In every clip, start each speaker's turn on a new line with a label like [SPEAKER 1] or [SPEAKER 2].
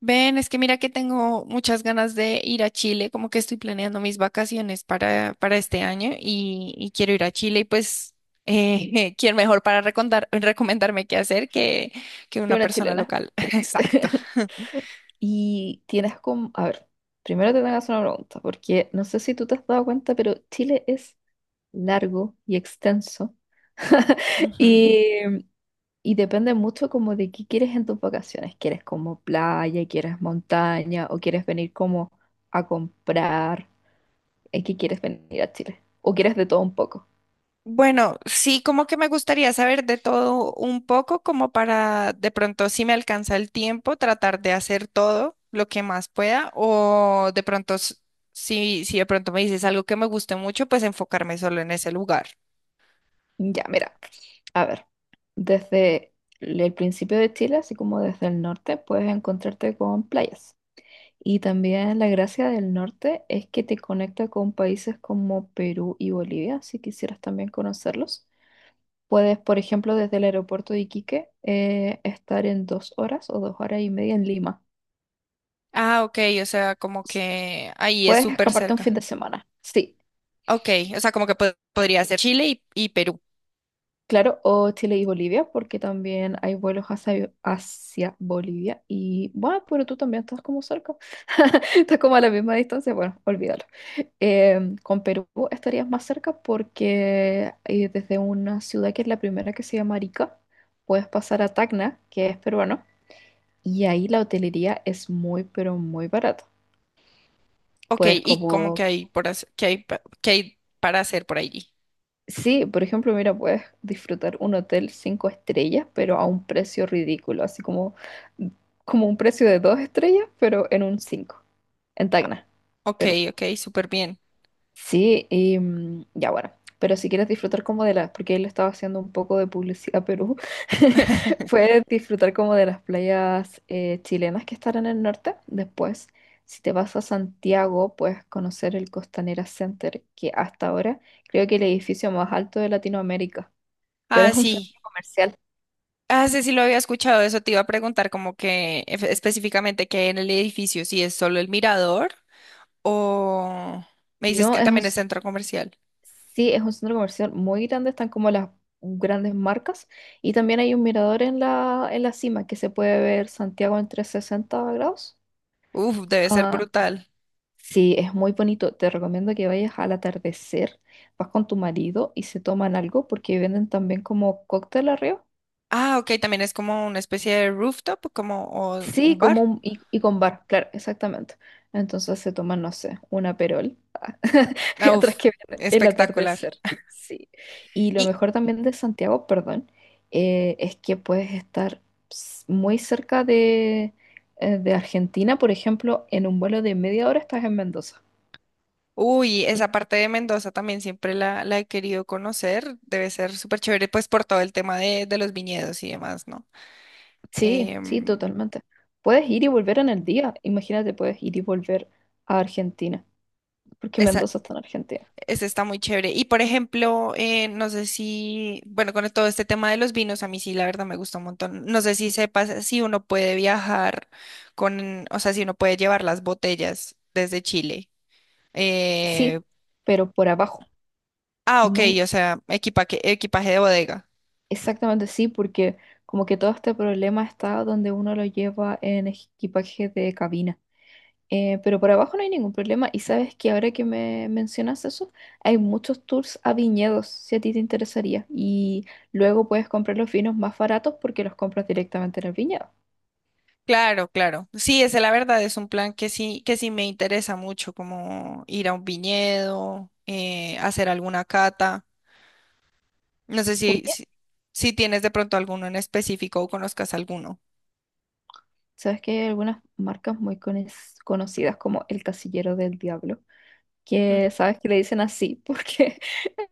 [SPEAKER 1] Ven, es que mira que tengo muchas ganas de ir a Chile, como que estoy planeando mis vacaciones para este año y quiero ir a Chile y pues, ¿quién mejor para recomendarme qué hacer que
[SPEAKER 2] Qué
[SPEAKER 1] una
[SPEAKER 2] buena
[SPEAKER 1] persona
[SPEAKER 2] chilena.
[SPEAKER 1] local? Exacto.
[SPEAKER 2] Y tienes como, a ver, primero te tengo que hacer una pregunta, porque no sé si tú te has dado cuenta, pero Chile es largo y extenso.
[SPEAKER 1] Ujú.
[SPEAKER 2] y, y depende mucho como de qué quieres en tus vacaciones. ¿Quieres como playa, quieres montaña o quieres venir como a comprar? ¿En qué quieres venir a Chile? ¿O quieres de todo un poco?
[SPEAKER 1] Bueno, sí, como que me gustaría saber de todo un poco, como para de pronto, si me alcanza el tiempo, tratar de hacer todo lo que más pueda, o de pronto, si de pronto me dices algo que me guste mucho, pues enfocarme solo en ese lugar.
[SPEAKER 2] Ya, mira, a ver, desde el principio de Chile, así como desde el norte, puedes encontrarte con playas. Y también la gracia del norte es que te conecta con países como Perú y Bolivia, si quisieras también conocerlos. Puedes, por ejemplo, desde el aeropuerto de Iquique, estar en 2 horas o 2 horas y media en Lima.
[SPEAKER 1] Ah, ok, o sea, como
[SPEAKER 2] S-
[SPEAKER 1] que ahí es
[SPEAKER 2] Puedes
[SPEAKER 1] súper
[SPEAKER 2] escaparte un fin
[SPEAKER 1] cerca.
[SPEAKER 2] de semana, sí.
[SPEAKER 1] Ok, o sea, como que podría ser Chile y Perú.
[SPEAKER 2] Claro, o Chile y Bolivia, porque también hay vuelos hacia Bolivia. Y bueno, pero tú también estás como cerca. Estás como a la misma distancia. Bueno, olvídalo. Con Perú estarías más cerca porque desde una ciudad que es la primera que se llama Arica, puedes pasar a Tacna, que es peruano, y ahí la hotelería es muy, pero muy barata.
[SPEAKER 1] Ok,
[SPEAKER 2] Puedes
[SPEAKER 1] y cómo
[SPEAKER 2] como.
[SPEAKER 1] que hay por hacer, que hay, que hay para hacer por allí.
[SPEAKER 2] Sí, por ejemplo, mira, puedes disfrutar un hotel cinco estrellas, pero a un precio ridículo, así como, como un precio de dos estrellas, pero en un cinco, en Tacna,
[SPEAKER 1] Ok,
[SPEAKER 2] Perú.
[SPEAKER 1] ok, súper bien.
[SPEAKER 2] Sí, y ya bueno, pero si quieres disfrutar como de las, porque él estaba haciendo un poco de publicidad a Perú, puedes disfrutar como de las playas chilenas que están en el norte. Después, si te vas a Santiago, puedes conocer el Costanera Center, que hasta ahora creo que el edificio más alto de Latinoamérica, pero
[SPEAKER 1] Ah,
[SPEAKER 2] es un
[SPEAKER 1] sí.
[SPEAKER 2] centro comercial.
[SPEAKER 1] Ah, sí, sí lo había escuchado, eso te iba a preguntar como que específicamente qué hay en el edificio, si es solo el mirador o me dices
[SPEAKER 2] No,
[SPEAKER 1] que
[SPEAKER 2] es un,
[SPEAKER 1] también es centro comercial.
[SPEAKER 2] sí, es un centro comercial muy grande, están como las grandes marcas y también hay un mirador en la cima que se puede ver Santiago en 360 grados.
[SPEAKER 1] Uf, debe ser
[SPEAKER 2] Ah,
[SPEAKER 1] brutal.
[SPEAKER 2] sí, es muy bonito. Te recomiendo que vayas al atardecer, vas con tu marido y se toman algo porque venden también como cóctel arriba.
[SPEAKER 1] Ah, ok, también es como una especie de rooftop, como o
[SPEAKER 2] Sí,
[SPEAKER 1] un bar.
[SPEAKER 2] y con bar, claro, exactamente. Entonces se toman, no sé, una perol.
[SPEAKER 1] Ah,
[SPEAKER 2] Mientras
[SPEAKER 1] uf,
[SPEAKER 2] que ven el
[SPEAKER 1] espectacular.
[SPEAKER 2] atardecer. Sí. Y lo
[SPEAKER 1] ¿Y,
[SPEAKER 2] mejor también de Santiago, perdón, es que puedes estar muy cerca de Argentina, por ejemplo, en un vuelo de media hora estás en Mendoza.
[SPEAKER 1] uy, esa parte de Mendoza también siempre la he querido conocer. Debe ser súper chévere, pues por todo el tema de los viñedos y demás, ¿no?
[SPEAKER 2] Sí, sí,
[SPEAKER 1] Em,
[SPEAKER 2] totalmente. Puedes ir y volver en el día. Imagínate, puedes ir y volver a Argentina, porque
[SPEAKER 1] esa,
[SPEAKER 2] Mendoza está en Argentina.
[SPEAKER 1] esa está muy chévere. Y por ejemplo, no sé si, bueno, con todo este tema de los vinos, a mí sí, la verdad me gusta un montón. No sé si sepas si uno puede viajar con, o sea, si uno puede llevar las botellas desde Chile. Eh,
[SPEAKER 2] Sí, pero por abajo.
[SPEAKER 1] ah, ok,
[SPEAKER 2] No.
[SPEAKER 1] o sea, equipaje de bodega.
[SPEAKER 2] Exactamente, sí, porque como que todo este problema está donde uno lo lleva en equipaje de cabina. Pero por abajo no hay ningún problema. Y sabes que ahora que me mencionas eso, hay muchos tours a viñedos, si a ti te interesaría. Y luego puedes comprar los vinos más baratos porque los compras directamente en el viñedo.
[SPEAKER 1] Claro, claro. Sí, esa la verdad es un plan que sí me interesa mucho, como ir a un viñedo, hacer alguna cata. No sé
[SPEAKER 2] Oye,
[SPEAKER 1] si tienes de pronto alguno en específico o conozcas alguno.
[SPEAKER 2] sabes que hay algunas marcas muy conocidas como el Casillero del Diablo,
[SPEAKER 1] Mm.
[SPEAKER 2] que sabes que le dicen así porque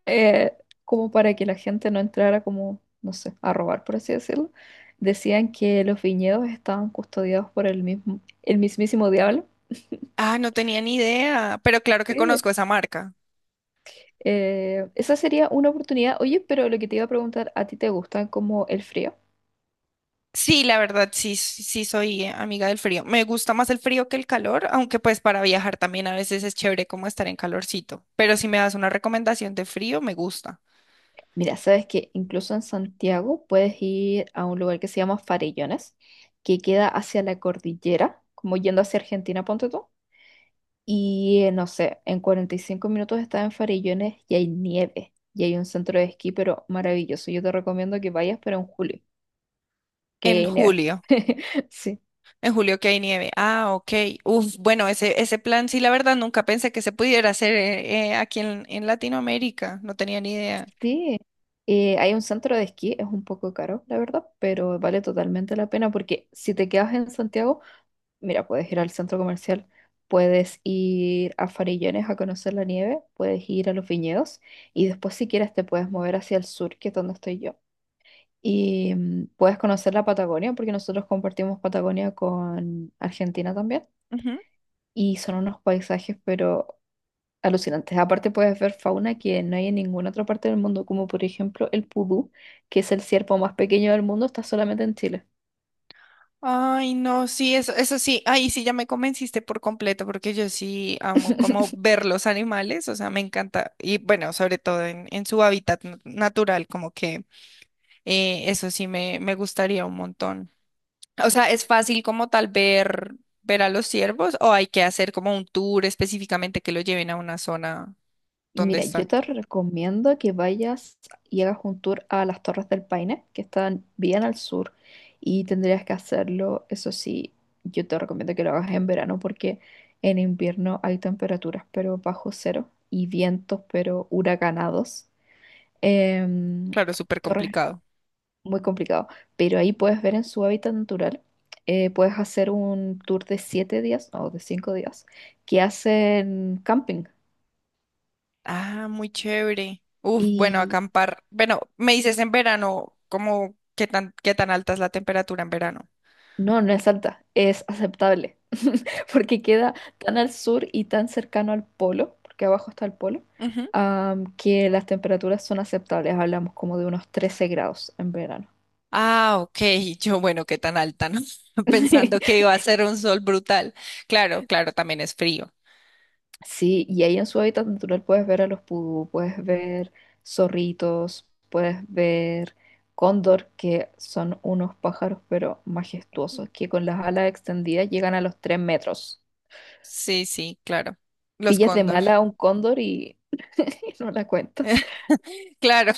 [SPEAKER 2] eh, como para que la gente no entrara como, no sé, a robar, por así decirlo. Decían que los viñedos estaban custodiados por el mismo, el mismísimo diablo.
[SPEAKER 1] Ah, no tenía ni idea, pero claro que
[SPEAKER 2] Sí.
[SPEAKER 1] conozco esa marca.
[SPEAKER 2] Esa sería una oportunidad. Oye, pero lo que te iba a preguntar, ¿a ti te gusta como el frío?
[SPEAKER 1] Sí, la verdad, sí, sí sí soy amiga del frío. Me gusta más el frío que el calor, aunque pues para viajar también a veces es chévere como estar en calorcito. Pero si me das una recomendación de frío, me gusta.
[SPEAKER 2] Mira, sabes que incluso en Santiago puedes ir a un lugar que se llama Farellones, que queda hacia la cordillera, como yendo hacia Argentina, ponte tú. Y no sé, en 45 minutos estaba en Farillones y hay nieve. Y hay un centro de esquí, pero maravilloso. Yo te recomiendo que vayas, pero en julio, que
[SPEAKER 1] En
[SPEAKER 2] hay nieve.
[SPEAKER 1] julio,
[SPEAKER 2] Sí.
[SPEAKER 1] en julio que hay nieve. Ah, ok. Uf, bueno, ese plan sí, la verdad, nunca pensé que se pudiera hacer aquí en Latinoamérica. No tenía ni idea.
[SPEAKER 2] Sí. Hay un centro de esquí, es un poco caro, la verdad, pero vale totalmente la pena porque si te quedas en Santiago, mira, puedes ir al centro comercial, puedes ir a Farillones a conocer la nieve, puedes ir a los viñedos y después si quieres te puedes mover hacia el sur, que es donde estoy yo. Y puedes conocer la Patagonia porque nosotros compartimos Patagonia con Argentina también.
[SPEAKER 1] Ujú.
[SPEAKER 2] Y son unos paisajes, pero alucinantes. Aparte puedes ver fauna que no hay en ninguna otra parte del mundo, como por ejemplo el pudú, que es el ciervo más pequeño del mundo, está solamente en Chile.
[SPEAKER 1] Ay, no, sí, eso sí, ahí sí ya me convenciste por completo, porque yo sí amo como ver los animales, o sea, me encanta, y bueno, sobre todo en su hábitat natural, como que eso sí me gustaría un montón. O sea, ¿es fácil como tal ver a los ciervos o hay que hacer como un tour específicamente que lo lleven a una zona donde
[SPEAKER 2] Mira, yo
[SPEAKER 1] están?
[SPEAKER 2] te recomiendo que vayas y hagas un tour a las Torres del Paine, que están bien al sur, y tendrías que hacerlo, eso sí, yo te recomiendo que lo hagas en verano porque en invierno hay temperaturas pero bajo cero y vientos pero huracanados. Em,
[SPEAKER 1] Claro, súper
[SPEAKER 2] Torres
[SPEAKER 1] complicado.
[SPEAKER 2] Muy complicado, pero ahí puedes ver en su hábitat natural, puedes hacer un tour de 7 días o de 5 días que hacen camping.
[SPEAKER 1] Ah, muy chévere. Uf, bueno,
[SPEAKER 2] Y
[SPEAKER 1] acampar. Bueno, me dices en verano, como qué tan alta es la temperatura en verano?
[SPEAKER 2] no, no es alta, es aceptable, porque queda tan al sur y tan cercano al polo, porque abajo está el polo,
[SPEAKER 1] Ujú.
[SPEAKER 2] que las temperaturas son aceptables, hablamos como de unos 13 grados en verano.
[SPEAKER 1] Ah, ok. Yo, bueno, qué tan alta, ¿no? Pensando que iba a ser un sol brutal. Claro, claro, también es frío.
[SPEAKER 2] Sí, y ahí en su hábitat natural puedes ver a los pudú, puedes ver zorritos, puedes ver cóndor, que son unos pájaros pero majestuosos, que con las alas extendidas llegan a los 3 metros.
[SPEAKER 1] Sí, sí, claro. Los
[SPEAKER 2] Pillas de
[SPEAKER 1] cóndor.
[SPEAKER 2] mala a un cóndor y no la cuentas.
[SPEAKER 1] Claro.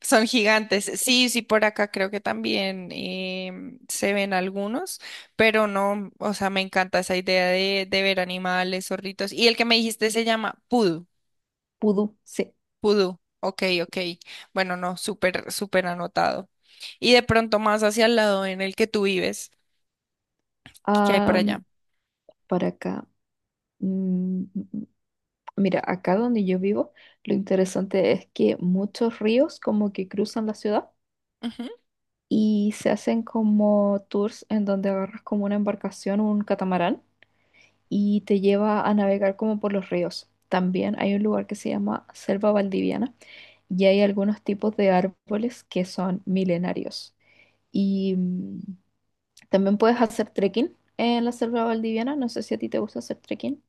[SPEAKER 1] Son gigantes. Sí, sí, por acá creo que también se ven algunos, pero no, o sea, me encanta esa idea de ver animales, zorritos. Y el que me dijiste se llama Pudu,
[SPEAKER 2] Pudú, sí.
[SPEAKER 1] Pudu. Ok, ok. Bueno, no, súper, súper anotado. Y de pronto más hacia el lado en el que tú vives, ¿qué hay por
[SPEAKER 2] Am,
[SPEAKER 1] allá?
[SPEAKER 2] para acá. mm, Mira, acá donde yo vivo, lo interesante es que muchos ríos como que cruzan la ciudad y se hacen como tours en donde agarras como una embarcación, un catamarán, y te lleva a navegar como por los ríos. También hay un lugar que se llama Selva Valdiviana y hay algunos tipos de árboles que son milenarios. Y también puedes hacer trekking en la Selva Valdiviana. No sé si a ti te gusta hacer trekking.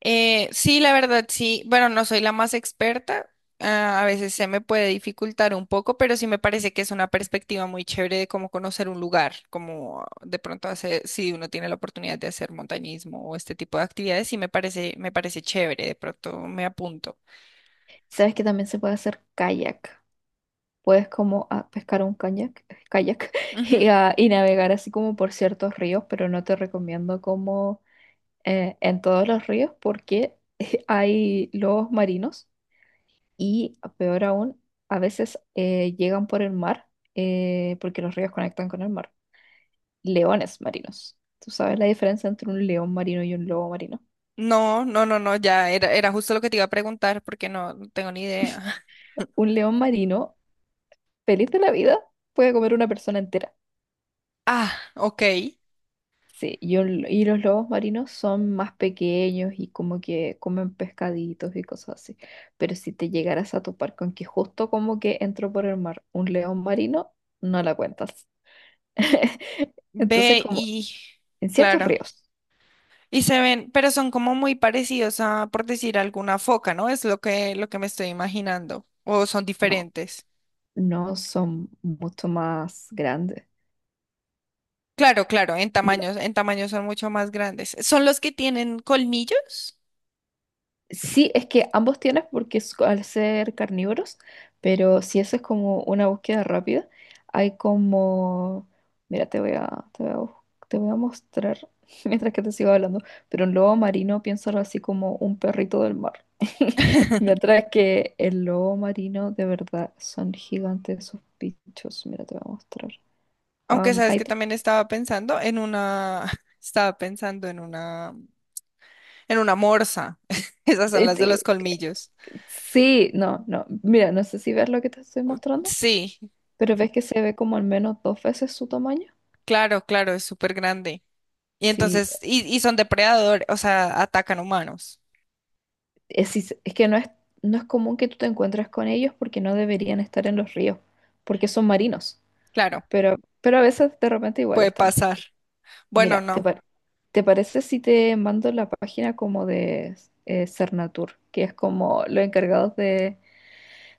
[SPEAKER 1] Sí, la verdad, sí. Bueno, no soy la más experta. Ah, a veces se me puede dificultar un poco, pero sí me parece que es una perspectiva muy chévere de cómo conocer un lugar, como de pronto hacer, si uno tiene la oportunidad de hacer montañismo o este tipo de actividades, sí me parece chévere. De pronto me apunto.
[SPEAKER 2] Sabes que también se puede hacer kayak. Puedes como pescar un kayak, kayak
[SPEAKER 1] Ujú.
[SPEAKER 2] y navegar así como por ciertos ríos, pero no te recomiendo como en todos los ríos porque hay lobos marinos y peor aún, a veces llegan por el mar porque los ríos conectan con el mar. Leones marinos. ¿Tú sabes la diferencia entre un león marino y un lobo marino?
[SPEAKER 1] No, no, no, no, ya era, era justo lo que te iba a preguntar porque no, no tengo ni idea.
[SPEAKER 2] Un león marino, feliz de la vida, puede comer una persona entera.
[SPEAKER 1] Ah, ok.
[SPEAKER 2] Sí, y los lobos marinos son más pequeños y como que comen pescaditos y cosas así. Pero si te llegaras a topar con que justo como que entró por el mar un león marino, no la cuentas. Entonces,
[SPEAKER 1] Ve
[SPEAKER 2] como
[SPEAKER 1] y
[SPEAKER 2] en ciertos
[SPEAKER 1] claro.
[SPEAKER 2] ríos,
[SPEAKER 1] Y se ven, pero son como muy parecidos a, por decir, alguna foca, ¿no? Es lo que me estoy imaginando. O son
[SPEAKER 2] no,
[SPEAKER 1] diferentes.
[SPEAKER 2] no son mucho más grandes.
[SPEAKER 1] Claro, claro, en tamaños son mucho más grandes. ¿Son los que tienen colmillos?
[SPEAKER 2] Sí, es, que ambos tienen porque es- al ser carnívoros, pero si eso es como una búsqueda rápida, hay como... Mira, te voy a, bus- te voy a mostrar mientras que te sigo hablando, pero un lobo marino piénsalo así como un perrito del mar. Mientras que el lobo marino de verdad son gigantes esos bichos. Mira, te voy a mostrar.
[SPEAKER 1] Aunque
[SPEAKER 2] Am,
[SPEAKER 1] sabes
[SPEAKER 2] ahí
[SPEAKER 1] que
[SPEAKER 2] te-
[SPEAKER 1] también estaba pensando en una, estaba pensando en una morsa. Esas son las de
[SPEAKER 2] sí,
[SPEAKER 1] los colmillos.
[SPEAKER 2] sí, no, no. Mira, no sé si ves lo que te estoy mostrando.
[SPEAKER 1] Sí,
[SPEAKER 2] Pero ves que se ve como al menos dos veces su tamaño.
[SPEAKER 1] claro, claro, es súper grande. Y
[SPEAKER 2] Sí,
[SPEAKER 1] entonces, y son depredadores, o sea, atacan humanos.
[SPEAKER 2] es que no es común que tú te encuentres con ellos porque no deberían estar en los ríos, porque son marinos,
[SPEAKER 1] Claro,
[SPEAKER 2] pero a veces de repente igual
[SPEAKER 1] puede
[SPEAKER 2] están.
[SPEAKER 1] pasar. Bueno,
[SPEAKER 2] Mira,
[SPEAKER 1] no.
[SPEAKER 2] te parece si te mando la página como de Cernatur, que es como los encargados de,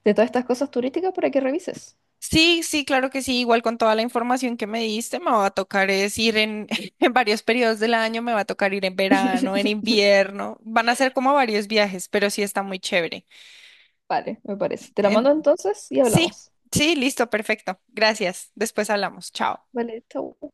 [SPEAKER 2] de todas estas cosas turísticas para que revises?
[SPEAKER 1] Sí, sí, claro que sí. Igual con toda la información que me diste, me va a tocar es en varios periodos del año, me va a tocar ir en verano, en invierno. Van a ser como varios viajes, pero sí está muy chévere.
[SPEAKER 2] Vale, me parece. Te la
[SPEAKER 1] En-
[SPEAKER 2] mando entonces y
[SPEAKER 1] sí,
[SPEAKER 2] hablamos.
[SPEAKER 1] sí, listo, perfecto. Gracias. Después hablamos. Chao.
[SPEAKER 2] Vale, chau.